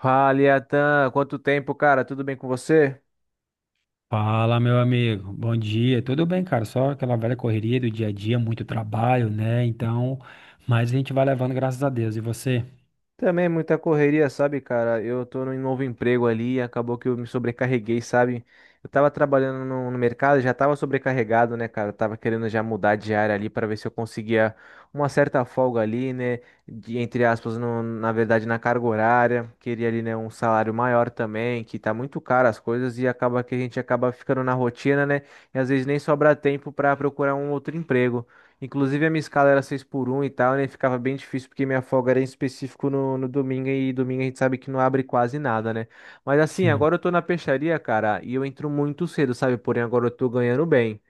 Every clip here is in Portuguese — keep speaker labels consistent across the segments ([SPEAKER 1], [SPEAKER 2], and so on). [SPEAKER 1] Fala, Atan, quanto tempo, cara? Tudo bem com você?
[SPEAKER 2] Fala, meu amigo. Bom dia. Tudo bem, cara? Só aquela velha correria do dia a dia, muito trabalho, né? Então, mas a gente vai levando, graças a Deus. E você?
[SPEAKER 1] Também muita correria, sabe, cara? Eu tô num novo emprego ali e acabou que eu me sobrecarreguei, sabe? Eu tava trabalhando no mercado, já tava sobrecarregado, né, cara? Eu tava querendo já mudar de área ali pra ver se eu conseguia uma certa folga ali, né? De, entre aspas, na verdade, na carga horária. Queria ali, né, um salário maior também, que tá muito caro as coisas e acaba que a gente acaba ficando na rotina, né? E às vezes nem sobra tempo pra procurar um outro emprego. Inclusive, a minha escala era 6 por um e tal, né? Ficava bem difícil porque minha folga era em específico no domingo e domingo a gente sabe que não abre quase nada, né? Mas assim,
[SPEAKER 2] Sim.
[SPEAKER 1] agora eu tô na peixaria, cara, e eu entro muito cedo, sabe? Porém, agora eu tô ganhando bem.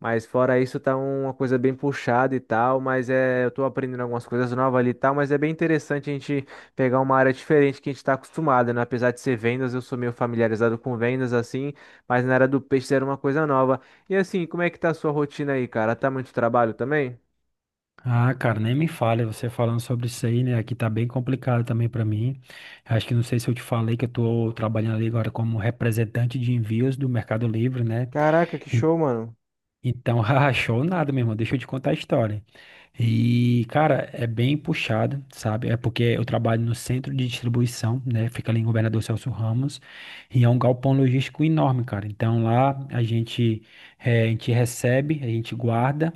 [SPEAKER 1] Mas fora isso, uma coisa bem puxada e tal. Mas é, eu tô aprendendo algumas coisas novas ali e tal. Mas é bem interessante a gente pegar uma área diferente que a gente tá acostumado, né? Apesar de ser vendas, eu sou meio familiarizado com vendas assim. Mas na área do peixe era uma coisa nova. E assim, como é que tá a sua rotina aí, cara? Tá muito trabalho também?
[SPEAKER 2] Ah, cara, nem me fale você falando sobre isso aí, né? Aqui tá bem complicado também pra mim. Acho que não sei se eu te falei que eu tô trabalhando ali agora como representante de envios do Mercado Livre, né?
[SPEAKER 1] Caraca, que show, mano.
[SPEAKER 2] Então, rachou nada, meu irmão. Deixa eu te contar a história. Cara, é bem puxado, sabe? É porque eu trabalho no centro de distribuição, né? Fica ali em Governador Celso Ramos. E é um galpão logístico enorme, cara. Então, lá a gente, a gente recebe, a gente guarda,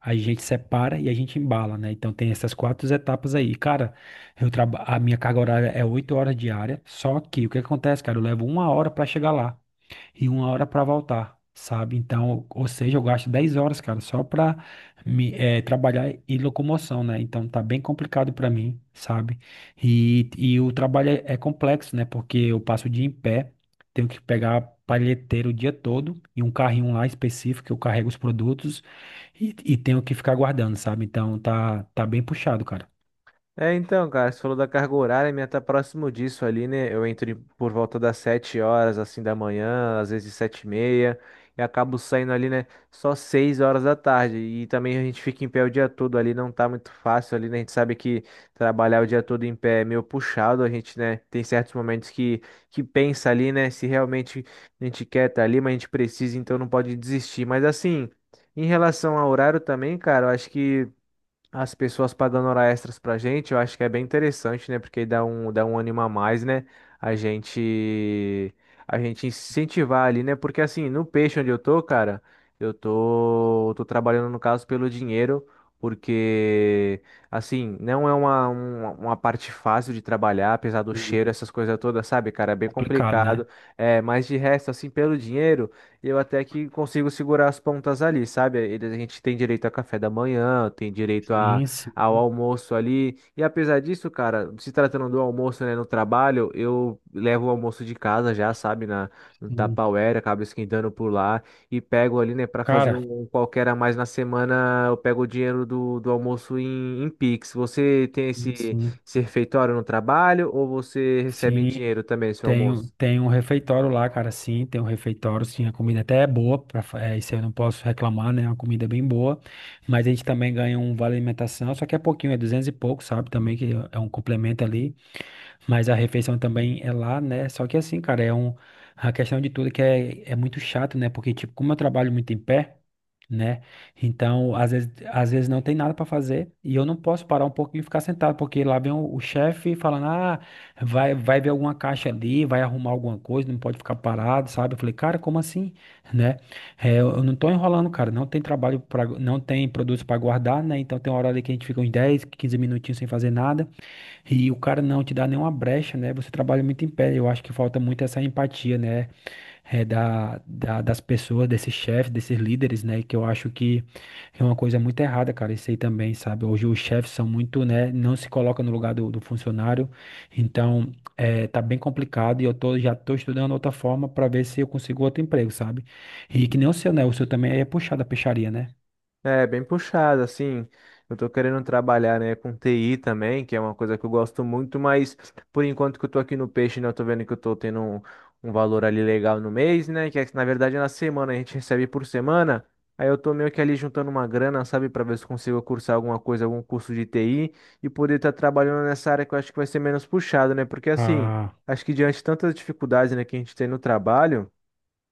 [SPEAKER 2] a gente separa e a gente embala, né? Então, tem essas quatro etapas aí. Cara, a minha carga horária é oito horas diária. Só que o que acontece, cara? Eu levo uma hora pra chegar lá e uma hora para voltar, sabe? Então, ou seja, eu gasto 10 horas, cara, só para trabalhar e locomoção, né? Então tá bem complicado para mim, sabe? E o trabalho é complexo, né? Porque eu passo o dia em pé, tenho que pegar palheteiro o dia todo e um carrinho lá específico que eu carrego os produtos e tenho que ficar guardando, sabe? Então tá bem puxado, cara.
[SPEAKER 1] É, então, cara, você falou da carga horária, minha tá próximo disso ali, né? Por volta das 7 horas, assim, da manhã, às vezes sete e meia, e acabo saindo ali, né, só 6 horas da tarde. E também a gente fica em pé o dia todo ali, não tá muito fácil ali, né? A gente sabe que trabalhar o dia todo em pé é meio puxado, a gente, né, tem certos momentos que pensa ali, né, se realmente a gente quer tá ali, mas a gente precisa, então não pode desistir. Mas assim, em relação ao horário também, cara, eu acho que. As pessoas pagando hora extras pra gente, eu acho que é bem interessante, né? Porque dá um ânimo a mais, né? A gente, a gente incentivar ali, né? Porque assim, no peixe onde eu tô, cara, tô trabalhando no caso pelo dinheiro, porque assim, não é uma parte fácil de trabalhar, apesar do
[SPEAKER 2] Sim.
[SPEAKER 1] cheiro, essas coisas todas, sabe, cara? É bem
[SPEAKER 2] Complicado, né?
[SPEAKER 1] complicado. É, mas de resto, assim, pelo dinheiro. Eu até que consigo segurar as pontas ali, sabe? Eles- A gente tem direito a café da manhã, tem direito a,
[SPEAKER 2] Sim, sim,
[SPEAKER 1] ao almoço ali. E apesar disso, cara, se tratando do almoço, né, no trabalho, eu levo o almoço de casa já, sabe? No
[SPEAKER 2] sim.
[SPEAKER 1] Tupperware, acabo esquentando por lá e pego ali, né, para fazer
[SPEAKER 2] Cara,
[SPEAKER 1] um qualquer a mais na semana, eu pego o dinheiro do almoço em Pix. Você tem
[SPEAKER 2] sim, sim.
[SPEAKER 1] esse refeitório no trabalho ou você recebe em
[SPEAKER 2] Sim,
[SPEAKER 1] dinheiro também, seu
[SPEAKER 2] tem,
[SPEAKER 1] almoço?
[SPEAKER 2] tem um refeitório lá, cara, sim, tem um refeitório, sim, a comida até é boa, isso eu não posso reclamar, né, a comida é bem boa, mas a gente também ganha um vale alimentação, só que é pouquinho, é 200 e pouco, sabe, também que é um complemento ali, mas a refeição também é lá, né, só que assim, cara, a questão de tudo é que é muito chato, né, porque, tipo, como eu trabalho muito em pé, né? Então, às vezes não tem nada para fazer e eu não posso parar um pouquinho e ficar sentado, porque lá vem o chefe falando: "Ah, vai ver alguma caixa ali, vai arrumar alguma coisa, não pode ficar parado", sabe? Eu falei: "Cara, como assim?", né? É, eu não tô enrolando, cara. Não tem trabalho para, não tem produto para guardar, né? Então tem uma hora ali que a gente fica uns 10 15 minutinhos sem fazer nada. E o cara não te dá nenhuma brecha, né? Você trabalha muito em pé. Eu acho que falta muito essa empatia, né? É, das pessoas, desses chefes, desses líderes, né? Que eu acho que é uma coisa muito errada, cara. Isso aí também, sabe? Hoje os chefes são muito, né? Não se colocam no lugar do funcionário. Então, é, tá bem complicado e eu tô, já tô estudando outra forma para ver se eu consigo outro emprego, sabe? E que nem o seu, né? O seu também é puxado a peixaria, né?
[SPEAKER 1] É, bem puxado, assim. Eu tô querendo trabalhar, né, com TI também, que é uma coisa que eu gosto muito, mas por enquanto que eu tô aqui no peixe, né, eu tô vendo que eu tô tendo um, um valor ali legal no mês, né, que é, que, na verdade é na semana, a gente recebe por semana. Aí eu tô meio que ali juntando uma grana, sabe, pra ver se consigo cursar alguma coisa, algum curso de TI e poder estar trabalhando nessa área que eu acho que vai ser menos puxado, né? Porque assim,
[SPEAKER 2] Ah,
[SPEAKER 1] acho que diante de tantas dificuldades, né, que a gente tem no trabalho,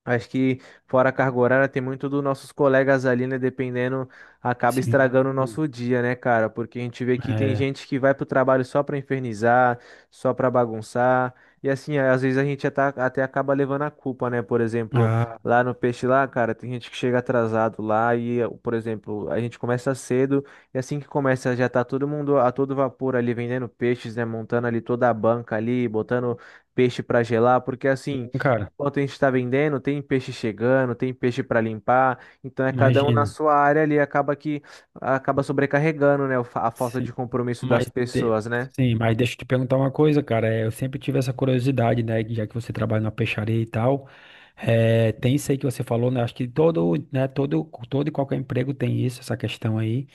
[SPEAKER 1] acho que fora a carga horária tem muito dos nossos colegas ali, né? Dependendo, acaba
[SPEAKER 2] sim.
[SPEAKER 1] estragando o
[SPEAKER 2] Hum,
[SPEAKER 1] nosso dia, né, cara? Porque a gente vê que tem
[SPEAKER 2] é.
[SPEAKER 1] gente que vai pro trabalho só pra infernizar, só pra bagunçar. E assim, às vezes a gente até acaba levando a culpa, né? Por exemplo,
[SPEAKER 2] Ah,
[SPEAKER 1] lá no peixe lá, cara, tem gente que chega atrasado lá e, por exemplo, a gente começa cedo e assim que começa já tá todo mundo a todo vapor ali vendendo peixes, né? Montando ali toda a banca ali, botando peixe pra gelar, porque assim.
[SPEAKER 2] sim, cara.
[SPEAKER 1] Enquanto a gente está vendendo, tem peixe chegando, tem peixe para limpar, então é cada um na
[SPEAKER 2] Imagino.
[SPEAKER 1] sua área ali, acaba que acaba sobrecarregando, né, o a falta
[SPEAKER 2] Sim.
[SPEAKER 1] de compromisso das
[SPEAKER 2] Mas, de-
[SPEAKER 1] pessoas, né?
[SPEAKER 2] sim, mas deixa eu te perguntar uma coisa, cara. É, eu sempre tive essa curiosidade, né? que Já que você trabalha na peixaria e tal, é, tem isso aí que você falou, né? Acho que todo, né? Todo e qualquer emprego tem isso, essa questão aí.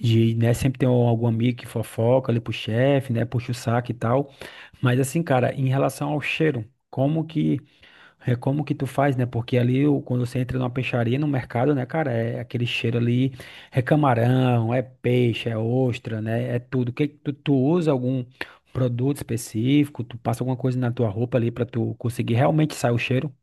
[SPEAKER 2] De, né? Sempre tem algum amigo que fofoca ali pro chefe, né? Puxa o saco e tal. Mas assim, cara, em relação ao cheiro, como que é como que tu faz, né? Porque ali, quando você entra numa peixaria, no mercado, né, cara, é aquele cheiro ali, é camarão, é peixe, é ostra, né? É tudo. Que tu usa algum produto específico? Tu passa alguma coisa na tua roupa ali pra tu conseguir realmente sair o cheiro?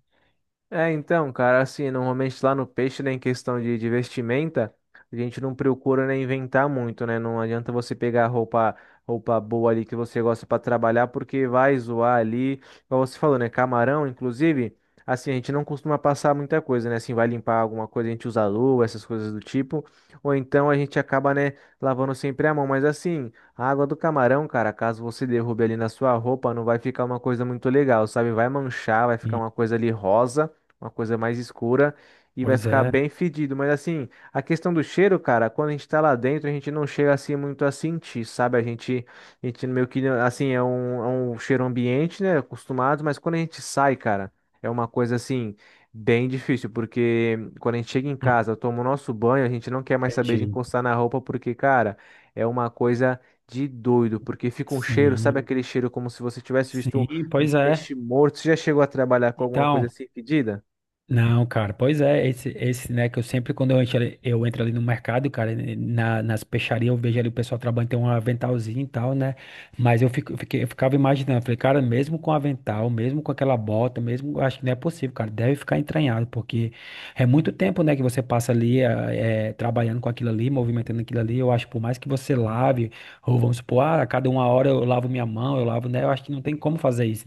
[SPEAKER 1] É, então, cara, assim, normalmente lá no peixe, né, em questão de vestimenta, a gente não procura, né, inventar muito, né? Não adianta você pegar roupa, roupa boa ali que você gosta pra trabalhar, porque vai zoar ali. Como você falou, né, camarão, inclusive, assim, a gente não costuma passar muita coisa, né? Assim, vai limpar alguma coisa, a gente usa luva, essas coisas do tipo, ou então a gente acaba, né, lavando sempre a mão. Mas assim, a água do camarão, cara, caso você derrube ali na sua roupa, não vai ficar uma coisa muito legal, sabe? Vai manchar, vai ficar
[SPEAKER 2] Sim,
[SPEAKER 1] uma coisa ali rosa uma coisa mais escura e vai
[SPEAKER 2] pois
[SPEAKER 1] ficar
[SPEAKER 2] é.
[SPEAKER 1] bem fedido. Mas assim, a questão do cheiro, cara, quando a gente tá lá dentro, a gente não chega assim muito a sentir, sabe? A gente meio que assim, é um cheiro ambiente, né? Acostumado, mas quando a gente sai, cara, é uma coisa assim. Bem difícil, porque quando a gente chega em
[SPEAKER 2] Ah,
[SPEAKER 1] casa, toma o nosso banho, a gente não quer mais saber de
[SPEAKER 2] entendi.
[SPEAKER 1] encostar na roupa, porque, cara, é uma coisa de doido, porque fica um cheiro, sabe
[SPEAKER 2] Sim,
[SPEAKER 1] aquele cheiro como se você tivesse visto
[SPEAKER 2] sim.
[SPEAKER 1] um
[SPEAKER 2] Pois é.
[SPEAKER 1] peixe morto? Você já chegou a trabalhar com alguma coisa
[SPEAKER 2] Então.
[SPEAKER 1] assim fedida?
[SPEAKER 2] Não, cara, pois é, esse, né, que eu sempre, quando eu entro ali no mercado, cara, nas peixarias, eu vejo ali o pessoal trabalhando, tem um aventalzinho e tal, né, mas eu, fico, eu fiquei- eu ficava imaginando, falei, cara, mesmo com avental, mesmo com aquela bota, mesmo, eu acho que não é possível, cara, deve ficar entranhado, porque é muito tempo, né, que você passa ali, trabalhando com aquilo ali, movimentando aquilo ali, eu acho, que por mais que você lave, ou vamos supor, ah, a cada uma hora eu lavo minha mão, eu lavo, né, eu acho que não tem como fazer isso,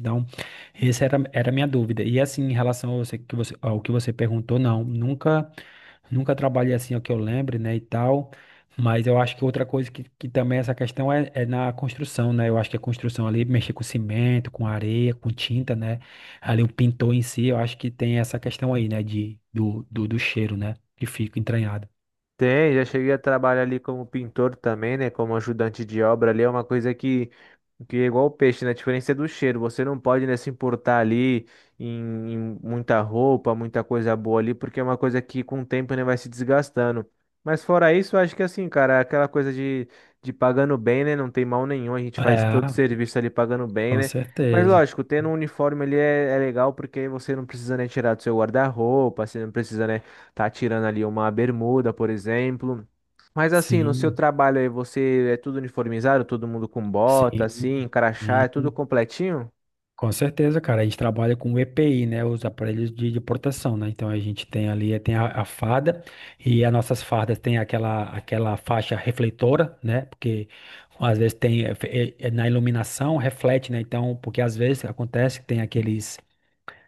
[SPEAKER 2] era a minha dúvida. E assim, em relação ao que você, ao que você perguntou, não, nunca trabalhei assim, ao que eu lembre, né, e tal. Mas eu acho que outra coisa que também é essa questão é na construção, né? Eu acho que a construção ali, mexer com cimento, com areia, com tinta, né? Ali o pintor em si, eu acho que tem essa questão aí, né, do cheiro, né, que fica entranhado.
[SPEAKER 1] Tem, já cheguei a trabalhar ali como pintor também, né? Como ajudante de obra ali. É uma coisa que é igual o peixe, né? A diferença é do cheiro. Você não pode, né, se importar ali em muita roupa, muita coisa boa ali, porque é uma coisa que com o tempo, né, vai se desgastando. Mas fora isso, eu acho que assim, cara, é aquela coisa de pagando bem, né? Não tem mal nenhum, a gente faz todo o
[SPEAKER 2] É,
[SPEAKER 1] serviço ali pagando bem,
[SPEAKER 2] com
[SPEAKER 1] né? Mas
[SPEAKER 2] certeza.
[SPEAKER 1] lógico, tendo um uniforme ali é, é legal porque aí você não precisa, né, tirar do seu guarda-roupa, você não precisa, né, tá tirando ali uma bermuda, por exemplo. Mas assim, no seu
[SPEAKER 2] Sim,
[SPEAKER 1] trabalho aí, você é tudo uniformizado, todo mundo com bota,
[SPEAKER 2] sim,
[SPEAKER 1] assim, crachá, é tudo
[SPEAKER 2] sim.
[SPEAKER 1] completinho?
[SPEAKER 2] Com certeza, cara. A gente trabalha com o EPI, né? Os aparelhos de proteção, né? Então a gente tem ali, tem a farda, e as nossas fardas têm aquela faixa refletora, né? Porque às vezes tem na iluminação reflete, né? Então, porque às vezes acontece que tem aqueles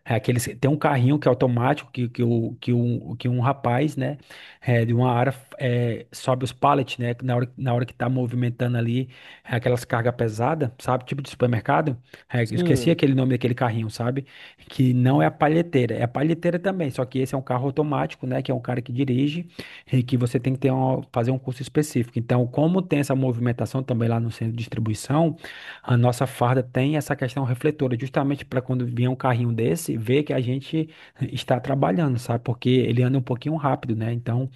[SPEAKER 2] tem um carrinho que é automático que um rapaz, né, é, de uma área é, sobe os pallets, né, na hora que tá movimentando ali é, aquelas cargas pesadas, sabe, tipo de supermercado. É, eu esqueci
[SPEAKER 1] Sim,
[SPEAKER 2] aquele nome daquele carrinho, sabe, que não é a palheteira, é a palheteira também, só que esse é um carro automático, né, que é um cara que dirige e que você tem que ter fazer um curso específico. Então, como tem essa movimentação também lá no centro de distribuição, a nossa farda tem essa questão refletora, justamente para quando vier um carrinho desse, ver que a gente está trabalhando, sabe? Porque ele anda um pouquinho rápido, né? Então,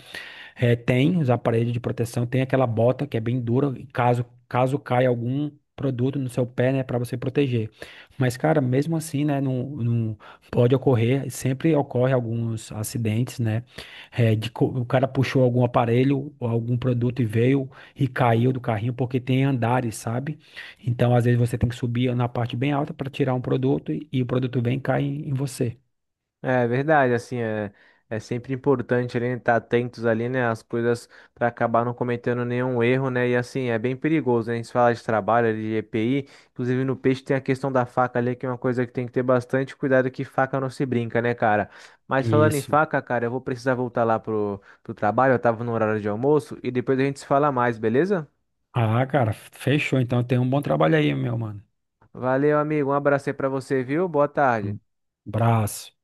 [SPEAKER 2] é, tem os aparelhos de proteção, tem aquela bota que é bem dura, e caso caia algum produto no seu pé, né, para você proteger. Mas, cara, mesmo assim, né, não pode ocorrer, sempre ocorre alguns acidentes, né, o cara puxou algum aparelho ou algum produto e veio e caiu do carrinho, porque tem andares, sabe? Então, às vezes você tem que subir na parte bem alta para tirar um produto e o produto vem e cai em você.
[SPEAKER 1] é verdade, assim, é, é sempre importante ali, né, estar atentos ali, né, às coisas para acabar não cometendo nenhum erro, né, e assim, é bem perigoso, né, a gente fala de trabalho, ali, de EPI, inclusive no peixe tem a questão da faca ali, que é uma coisa que tem que ter bastante cuidado, que faca não se brinca, né, cara. Mas falando em
[SPEAKER 2] Isso.
[SPEAKER 1] faca, cara, eu vou precisar voltar lá pro trabalho, eu tava no horário de almoço, e depois a gente se fala mais, beleza?
[SPEAKER 2] Ah, cara, fechou. Então, tem um bom trabalho aí, meu mano.
[SPEAKER 1] Valeu, amigo. Um abraço aí pra você, viu? Boa tarde.
[SPEAKER 2] Um abraço.